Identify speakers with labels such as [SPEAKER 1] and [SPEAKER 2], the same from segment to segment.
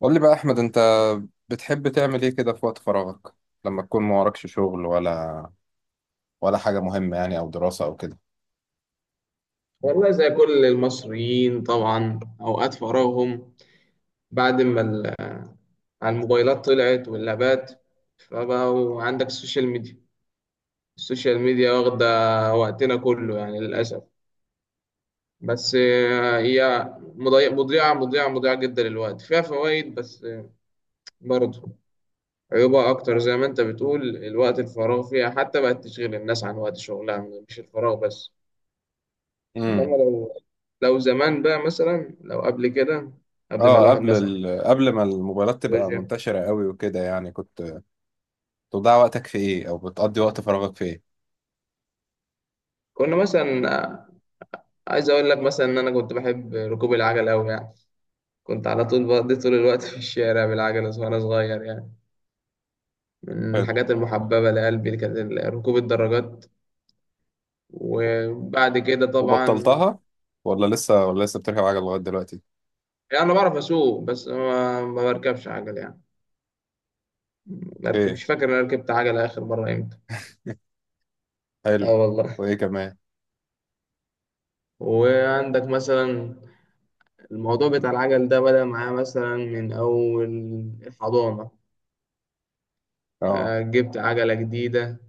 [SPEAKER 1] قول لي بقى احمد، انت بتحب تعمل ايه كده في وقت فراغك لما تكون ما وراكش شغل ولا حاجه مهمه يعني او دراسه او كده.
[SPEAKER 2] والله، زي كل المصريين طبعا أوقات فراغهم بعد ما ال- على الموبايلات طلعت واللابات، فبقوا عندك السوشيال ميديا واخدة وقتنا كله يعني للأسف. بس هي مضيعة جدا للوقت. فيها فوائد، بس برضه عيوبها أكتر. زي ما أنت بتقول، الوقت الفراغ فيها حتى بقت تشغل الناس عن وقت شغلها، مش الفراغ بس.
[SPEAKER 1] امم.
[SPEAKER 2] إنما لو زمان بقى، مثلا لو قبل كده، قبل ما
[SPEAKER 1] اه،
[SPEAKER 2] الواحد مثلا،
[SPEAKER 1] قبل ما الموبايلات تبقى منتشره قوي وكده، يعني كنت بتضيع وقتك في ايه او بتقضي وقت فراغك في ايه؟
[SPEAKER 2] كنا مثلا، عايز اقول لك مثلا ان انا كنت بحب ركوب العجل قوي يعني. كنت على طول بقضي طول الوقت في الشارع بالعجلة وانا صغير يعني. من
[SPEAKER 1] حلو.
[SPEAKER 2] الحاجات المحببة لقلبي اللي كانت ال- ركوب الدراجات. وبعد كده طبعا،
[SPEAKER 1] وبطلتها ولا لسه بتركب عجل لغايه دلوقتي؟
[SPEAKER 2] يعني انا بعرف اسوق بس ما بركبش عجل يعني. بركب،
[SPEAKER 1] ايه.
[SPEAKER 2] مش فاكر انا ركبت عجلة اخر مرة امتى.
[SPEAKER 1] حلو.
[SPEAKER 2] اه والله.
[SPEAKER 1] وايه كمان؟
[SPEAKER 2] وعندك مثلا، الموضوع بتاع العجل ده بدأ معايا مثلا من اول الحضانة.
[SPEAKER 1] اه.
[SPEAKER 2] جبت عجلة جديدة.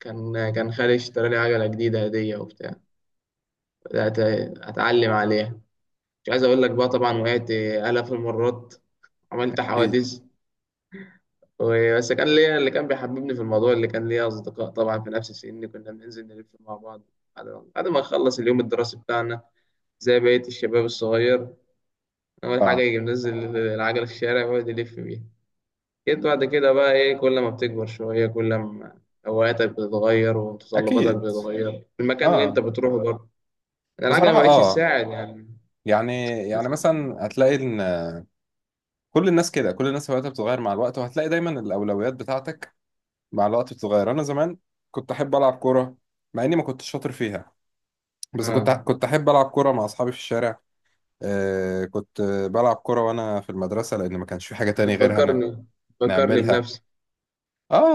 [SPEAKER 2] كان خالي اشترى لي عجلة جديدة هدية وبتاع. بدأت أتعلم عليها. مش عايز أقول لك بقى طبعا وقعت آلاف المرات، عملت
[SPEAKER 1] اكيد.
[SPEAKER 2] حوادث بس كان ليا، اللي كان بيحببني في الموضوع، اللي كان ليا أصدقاء طبعا في نفس سني كنا بننزل نلف مع بعض. بعد ما نخلص اليوم الدراسي بتاعنا، زي بقية الشباب الصغير، أول حاجة
[SPEAKER 1] اه.
[SPEAKER 2] يجي منزل العجلة في الشارع ويقعد يلف بيها. جيت بعد كده بقى إيه، كل ما بتكبر شوية كل ما هواياتك بتتغير ومتطلباتك
[SPEAKER 1] اكيد.
[SPEAKER 2] بتتغير، المكان اللي أنت
[SPEAKER 1] اه.
[SPEAKER 2] بتروحه برضه. العجلة
[SPEAKER 1] بصراحه
[SPEAKER 2] ما بقتش
[SPEAKER 1] اه.
[SPEAKER 2] تساعد يعني.
[SPEAKER 1] يعني
[SPEAKER 2] مثلا،
[SPEAKER 1] مثلا هتلاقي ان كل الناس كده، كل الناس هواياتها بتتغير مع الوقت، وهتلاقي دايما الاولويات بتاعتك مع الوقت بتتغير. انا زمان كنت احب العب كوره مع اني ما كنتش شاطر فيها، بس كنت
[SPEAKER 2] اه،
[SPEAKER 1] كنت احب العب كوره مع اصحابي في الشارع. آه، كنت بلعب كوره وانا في المدرسه لان ما كانش في حاجه تاني غيرها
[SPEAKER 2] بتفكرني
[SPEAKER 1] نعملها.
[SPEAKER 2] بنفسي.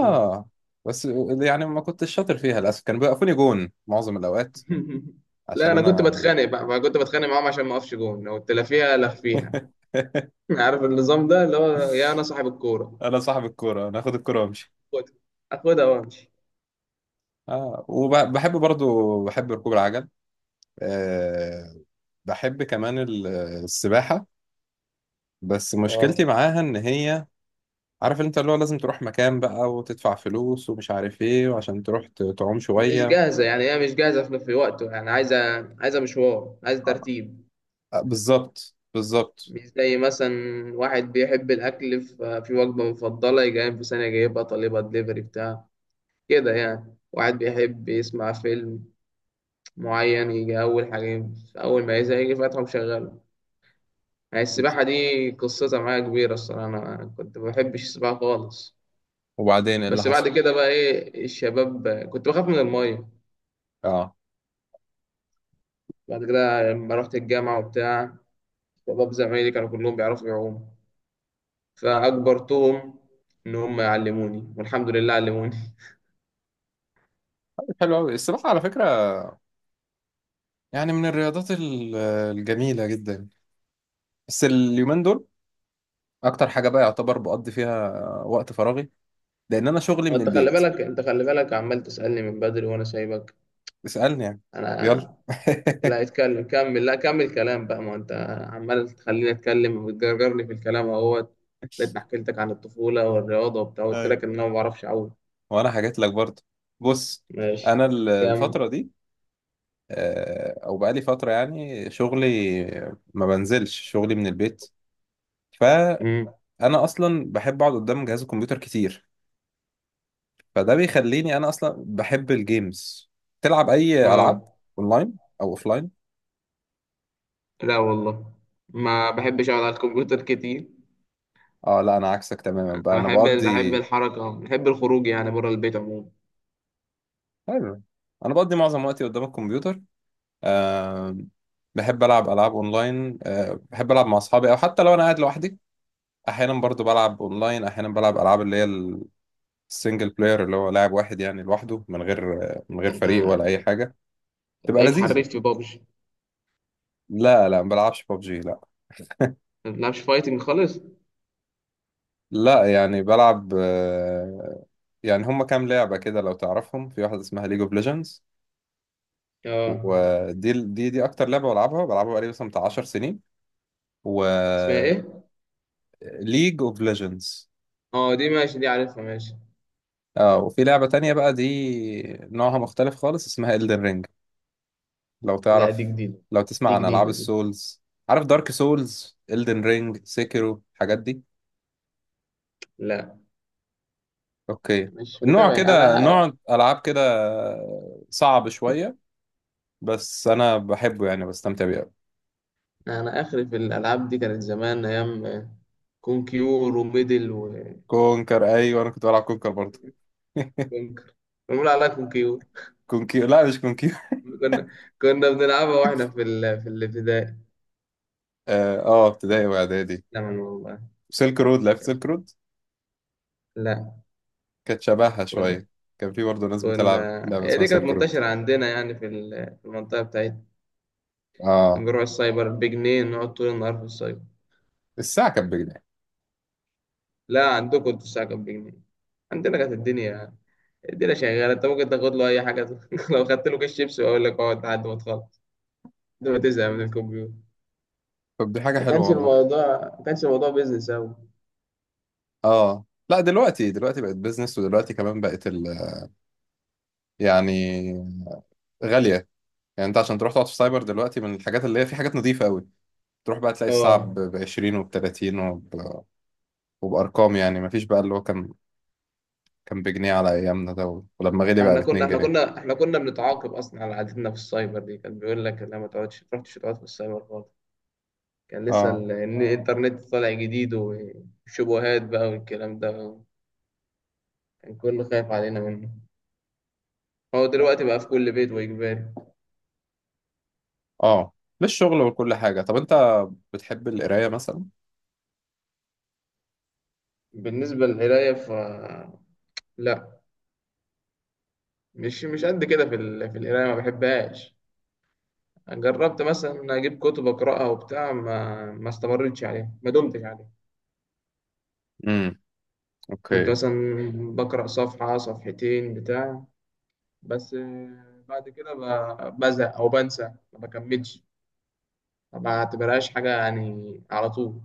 [SPEAKER 2] آه.
[SPEAKER 1] بس يعني ما كنتش شاطر فيها للاسف، كانوا بيوقفوني جون معظم الاوقات
[SPEAKER 2] لا،
[SPEAKER 1] عشان
[SPEAKER 2] انا كنت
[SPEAKER 1] انا
[SPEAKER 2] بتخانق بقى، ما كنت بتخانق معاهم عشان ما اقفش جون، لو تلافيها لفيها. عارف النظام ده اللي هو، يا انا صاحب الكورة،
[SPEAKER 1] انا صاحب الكوره، انا اخد الكوره وامشي.
[SPEAKER 2] خد، اخدها وامشي.
[SPEAKER 1] اه، وبحب برضو بحب ركوب العجل. آه، بحب كمان السباحة، بس
[SPEAKER 2] اه،
[SPEAKER 1] مشكلتي معاها ان هي، عارف انت اللي هو لازم تروح مكان بقى وتدفع فلوس ومش عارف ايه وعشان تروح تعوم
[SPEAKER 2] مش
[SPEAKER 1] شوية.
[SPEAKER 2] جاهزة يعني، هي مش جاهزة في وقته يعني. عايزة مشوار، عايزة
[SPEAKER 1] آه،
[SPEAKER 2] ترتيب.
[SPEAKER 1] بالظبط بالظبط.
[SPEAKER 2] مش زي مثلا واحد بيحب الأكل في وجبة مفضلة، يجي قايم في ثانية جايبها طالبها دليفري بتاع كده يعني. واحد بيحب يسمع فيلم معين، يجي أول حاجة أول ما يزهق يجي فاتحه ومشغله. يعني السباحة دي قصتها معايا كبيرة الصراحة. أنا كنت ما بحبش السباحة خالص.
[SPEAKER 1] وبعدين ايه اللي
[SPEAKER 2] بس
[SPEAKER 1] حصل؟
[SPEAKER 2] بعد كده بقى إيه الشباب، كنت بخاف من المية.
[SPEAKER 1] اه.
[SPEAKER 2] بعد كده لما رحت الجامعة وبتاع، شباب زمايلي كانوا كلهم بيعرفوا يعوموا، فأجبرتهم إن هم يعلموني، والحمد لله علموني.
[SPEAKER 1] حلو قوي السباحة على فكرة، يعني من الرياضات الجميلة جدا. بس اليومين دول اكتر حاجة بقى يعتبر بقضي فيها وقت فراغي، لان انا شغلي من
[SPEAKER 2] أنت خلي
[SPEAKER 1] البيت.
[SPEAKER 2] بالك أنت خلي بالك عمال تسألني من بدري وأنا سايبك.
[SPEAKER 1] اسألني يعني. يلا
[SPEAKER 2] أنا، لا اتكلم، كمل. لا، كمل كلام بقى، ما انت عمال تخليني اتكلم وبتجرجرني في الكلام اهوت. لقيتني حكيت لك عن الطفوله والرياضه وبتاع، قلت
[SPEAKER 1] أيوة.
[SPEAKER 2] لك ان انا ما بعرفش اعوم.
[SPEAKER 1] وانا حكيت لك برضه. بص،
[SPEAKER 2] ماشي.
[SPEAKER 1] انا
[SPEAKER 2] كمل.
[SPEAKER 1] الفتره دي، آه، او بقالي فتره يعني شغلي ما بنزلش، شغلي من البيت، فانا
[SPEAKER 2] امم.
[SPEAKER 1] اصلا بحب اقعد قدام جهاز الكمبيوتر كتير، فده بيخليني، انا اصلا بحب الجيمز. تلعب اي العاب
[SPEAKER 2] اه،
[SPEAKER 1] اونلاين او اوفلاين؟
[SPEAKER 2] لا والله، ما بحبش اقعد على الكمبيوتر كتير.
[SPEAKER 1] اه. لا، انا عكسك تماما بقى،
[SPEAKER 2] انا
[SPEAKER 1] انا
[SPEAKER 2] بحب، بحب
[SPEAKER 1] بقضي.
[SPEAKER 2] الحركه، بحب الخروج يعني، بره البيت عموما.
[SPEAKER 1] حلو. انا بقضي معظم وقتي قدام الكمبيوتر. آه، بحب العب العاب اونلاين، آه، بحب العب مع اصحابي، او حتى لو انا قاعد لوحدي احيانا برضو بلعب اونلاين. احيانا بلعب العاب اللي هي السنجل بلاير، اللي هو لاعب واحد يعني لوحده، من غير من غير
[SPEAKER 2] انت
[SPEAKER 1] فريق ولا اي حاجه. تبقى
[SPEAKER 2] هتلاقيك
[SPEAKER 1] لذيذه.
[SPEAKER 2] حريف في بابجي.
[SPEAKER 1] لا لا، ما بلعبش ببجي، لا.
[SPEAKER 2] ما بتلعبش فايتنج خالص.
[SPEAKER 1] لا يعني بلعب، آه، يعني هم كام لعبه كده لو تعرفهم. في واحده اسمها ليج اوف ليجندز،
[SPEAKER 2] اه،
[SPEAKER 1] ودي دي دي اكتر لعبه بلعبها بقالي مثلا بتاع 10 سنين. و
[SPEAKER 2] اسمها ايه؟
[SPEAKER 1] ليج اوف ليجندز.
[SPEAKER 2] اه، دي ماشي، دي عارفها، ماشي.
[SPEAKER 1] اه، وفي لعبه تانية بقى، دي نوعها مختلف خالص، اسمها Elden Ring، لو
[SPEAKER 2] لا، دي
[SPEAKER 1] تعرف،
[SPEAKER 2] جديده.
[SPEAKER 1] لو تسمع
[SPEAKER 2] دي
[SPEAKER 1] عن العاب
[SPEAKER 2] جديده دي.
[SPEAKER 1] السولز. عارف دارك سولز، الدن رينج، سيكيرو، الحاجات دي؟
[SPEAKER 2] لا،
[SPEAKER 1] اوكي.
[SPEAKER 2] مش
[SPEAKER 1] النوع
[SPEAKER 2] متابع انا.
[SPEAKER 1] كده، نوع العاب كده صعب شويه، بس انا بحبه يعني، بستمتع بيه أوي.
[SPEAKER 2] انا اخري في الالعاب دي كانت زمان، ايام كونكيور وميدل
[SPEAKER 1] كونكر، ايوه انا كنت بلعب كونكر برضه.
[SPEAKER 2] وكونكر. بنقول عليها كونكيور.
[SPEAKER 1] كونكير، لا مش كونكير.
[SPEAKER 2] كنا كنا بنلعبها واحنا في الابتدائي.
[SPEAKER 1] اه. آه، ابتدائي واعدادي.
[SPEAKER 2] زمان والله.
[SPEAKER 1] سيلك رود، لعبت سيلك رود؟
[SPEAKER 2] لا،
[SPEAKER 1] كانت شبهها
[SPEAKER 2] كنا
[SPEAKER 1] شويه، كان في برضه ناس بتلعب
[SPEAKER 2] كنا
[SPEAKER 1] لعبه
[SPEAKER 2] هي
[SPEAKER 1] اسمها
[SPEAKER 2] دي كانت
[SPEAKER 1] سيلك رود.
[SPEAKER 2] منتشرة عندنا يعني في المنطقة بتاعتنا.
[SPEAKER 1] اه.
[SPEAKER 2] نروح السايبر بجنيه، نقعد طول النهار في السايبر.
[SPEAKER 1] الساعه كانت بجنيه؟
[SPEAKER 2] لا، عندكم انتوا الساعة كانت بجنيه، عندنا كانت الدنيا، الدنيا شغالة. انت ممكن تاخد له أي حاجة. لو خدت له كيس شيبسي وأقول لك اقعد لحد ما تخلص، لحد ما تزهق من الكمبيوتر.
[SPEAKER 1] طب دي حاجه
[SPEAKER 2] ما
[SPEAKER 1] حلوه
[SPEAKER 2] كانش
[SPEAKER 1] والله.
[SPEAKER 2] الموضوع، ما كانش الموضوع بيزنس أوي.
[SPEAKER 1] اه. لا، دلوقتي دلوقتي بقت بيزنس، ودلوقتي كمان بقت يعني غالية. يعني انت عشان تروح تقعد في سايبر دلوقتي، من الحاجات اللي هي في حاجات نظيفة قوي، تروح بقى تلاقي الساعة
[SPEAKER 2] اه.
[SPEAKER 1] ب 20 وب 30 وبأرقام، يعني مفيش بقى اللي هو كان، كان بجنيه على أيامنا ده، ولما غلي بقى ب
[SPEAKER 2] احنا كنا
[SPEAKER 1] 2
[SPEAKER 2] احنا
[SPEAKER 1] جنيه
[SPEAKER 2] كنا احنا كنا بنتعاقب اصلا على عادتنا في السايبر دي. كان بيقول لك لا، ما تقعدش، ما تروحش تقعد في السايبر خالص. كان لسه
[SPEAKER 1] اه.
[SPEAKER 2] إن الانترنت طالع جديد وشبهات بقى والكلام ده، كان كله خايف علينا منه. هو دلوقتي بقى في كل بيت واجباري.
[SPEAKER 1] اه، للشغل وكل حاجة. طب انت بتحب القراية مثلا؟
[SPEAKER 2] بالنسبه للقرايه ف، لا، مش قد كده في القرايه، ما بحبهاش. جربت مثلا إن اجيب كتب اقراها وبتاع، ما استمرتش عليها، ما دمتش عليها.
[SPEAKER 1] امم.
[SPEAKER 2] كنت
[SPEAKER 1] اوكي.
[SPEAKER 2] مثلا بقرأ صفحة صفحتين بتاع، بس بعد كده بزهق أو بنسى، ما بكملش، ما بعتبرهاش حاجة يعني على طول.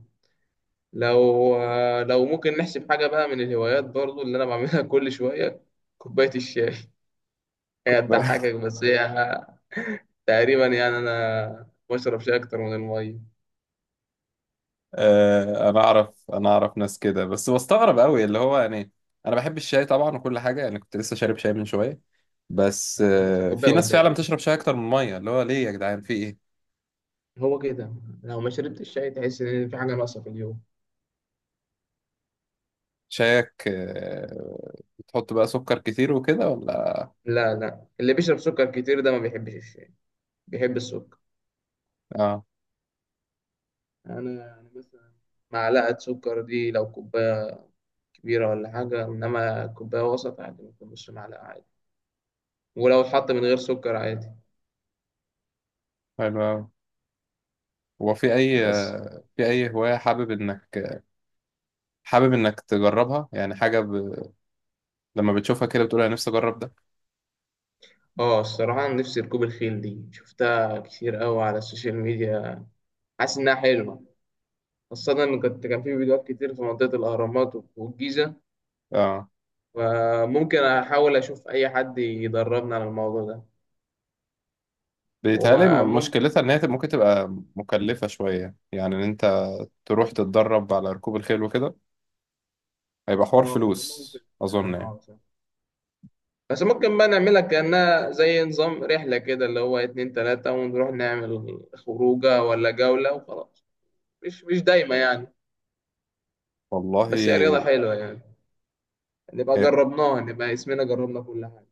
[SPEAKER 2] لو ممكن نحسب حاجة بقى من الهوايات برضو اللي أنا بعملها كل شوية، كوباية الشاي. هي تضحكك، بس هي تقريبا يعني أنا بشرب شاي أكتر من المية.
[SPEAKER 1] آه، انا اعرف، انا اعرف ناس كده، بس بستغرب قوي اللي هو يعني، انا بحب الشاي طبعا وكل حاجه يعني، كنت لسه شارب شاي من شويه، بس
[SPEAKER 2] لسه
[SPEAKER 1] آه، في
[SPEAKER 2] كوباية
[SPEAKER 1] ناس فعلا
[SPEAKER 2] قدامي يعني.
[SPEAKER 1] بتشرب شاي اكتر من ميه، اللي هو ليه يا جدعان، في ايه؟
[SPEAKER 2] هو كده، لو ما شربتش الشاي تحس إن في حاجة ناقصة في اليوم.
[SPEAKER 1] شايك، آه، بتحط بقى سكر كتير وكده ولا؟
[SPEAKER 2] لا لا، اللي بيشرب سكر كتير ده ما بيحبش الشاي، بيحب السكر.
[SPEAKER 1] اه.
[SPEAKER 2] انا يعني مثلا، معلقه سكر دي لو كوبايه كبيره ولا حاجه، انما كوبايه وسط عادي ممكن نص معلقه عادي، ولو اتحط من غير سكر عادي.
[SPEAKER 1] حلو أوي. هو في اي،
[SPEAKER 2] بس
[SPEAKER 1] آه، في اي هوايه حابب انك، حابب انك تجربها، يعني حاجه ب... لما بتشوفها كده بتقول انا نفسي اجرب ده؟
[SPEAKER 2] اه الصراحه أنا نفسي ركوب الخيل دي، شفتها كتير قوي على السوشيال ميديا. حاسس انها حلوه. خاصة إن كنت، كان في فيديوهات كتير في منطقة الأهرامات والجيزة.
[SPEAKER 1] اه.
[SPEAKER 2] فممكن أحاول أشوف أي حد يدربنا على الموضوع ده.
[SPEAKER 1] بيتهيألي
[SPEAKER 2] وممكن،
[SPEAKER 1] مشكلتها ان هي ممكن تبقى مكلفه شويه يعني. تروح تتدرب على ركوب الخيل وكده، هيبقى حوار
[SPEAKER 2] يا
[SPEAKER 1] فلوس
[SPEAKER 2] ممكن
[SPEAKER 1] أظن
[SPEAKER 2] فعلاً،
[SPEAKER 1] يعني.
[SPEAKER 2] بس ممكن بقى نعملها كأنها زي نظام رحلة كده اللي هو اتنين تلاتة، ونروح نعمل خروجة ولا جولة وخلاص. مش دايما يعني.
[SPEAKER 1] والله.
[SPEAKER 2] بس هي رياضة حلوة يعني، نبقى
[SPEAKER 1] هي-
[SPEAKER 2] جربناها، نبقى اسمنا جربنا كل حاجة.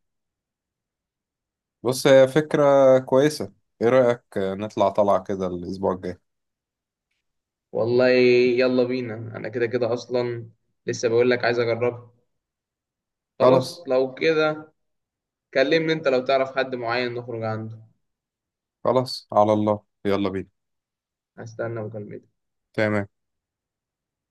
[SPEAKER 1] بص، هي فكرة كويسة. إيه رأيك نطلع طلعة كده الأسبوع الجاي؟
[SPEAKER 2] والله يلا بينا، أنا كده كده أصلا لسه بقول لك عايز أجربها. خلاص
[SPEAKER 1] خلاص.
[SPEAKER 2] لو كده، كلمني أنت لو تعرف حد معين نخرج عنده.
[SPEAKER 1] خلاص، على الله، يلا بينا.
[SPEAKER 2] هستنى مكالمتك.
[SPEAKER 1] تمام.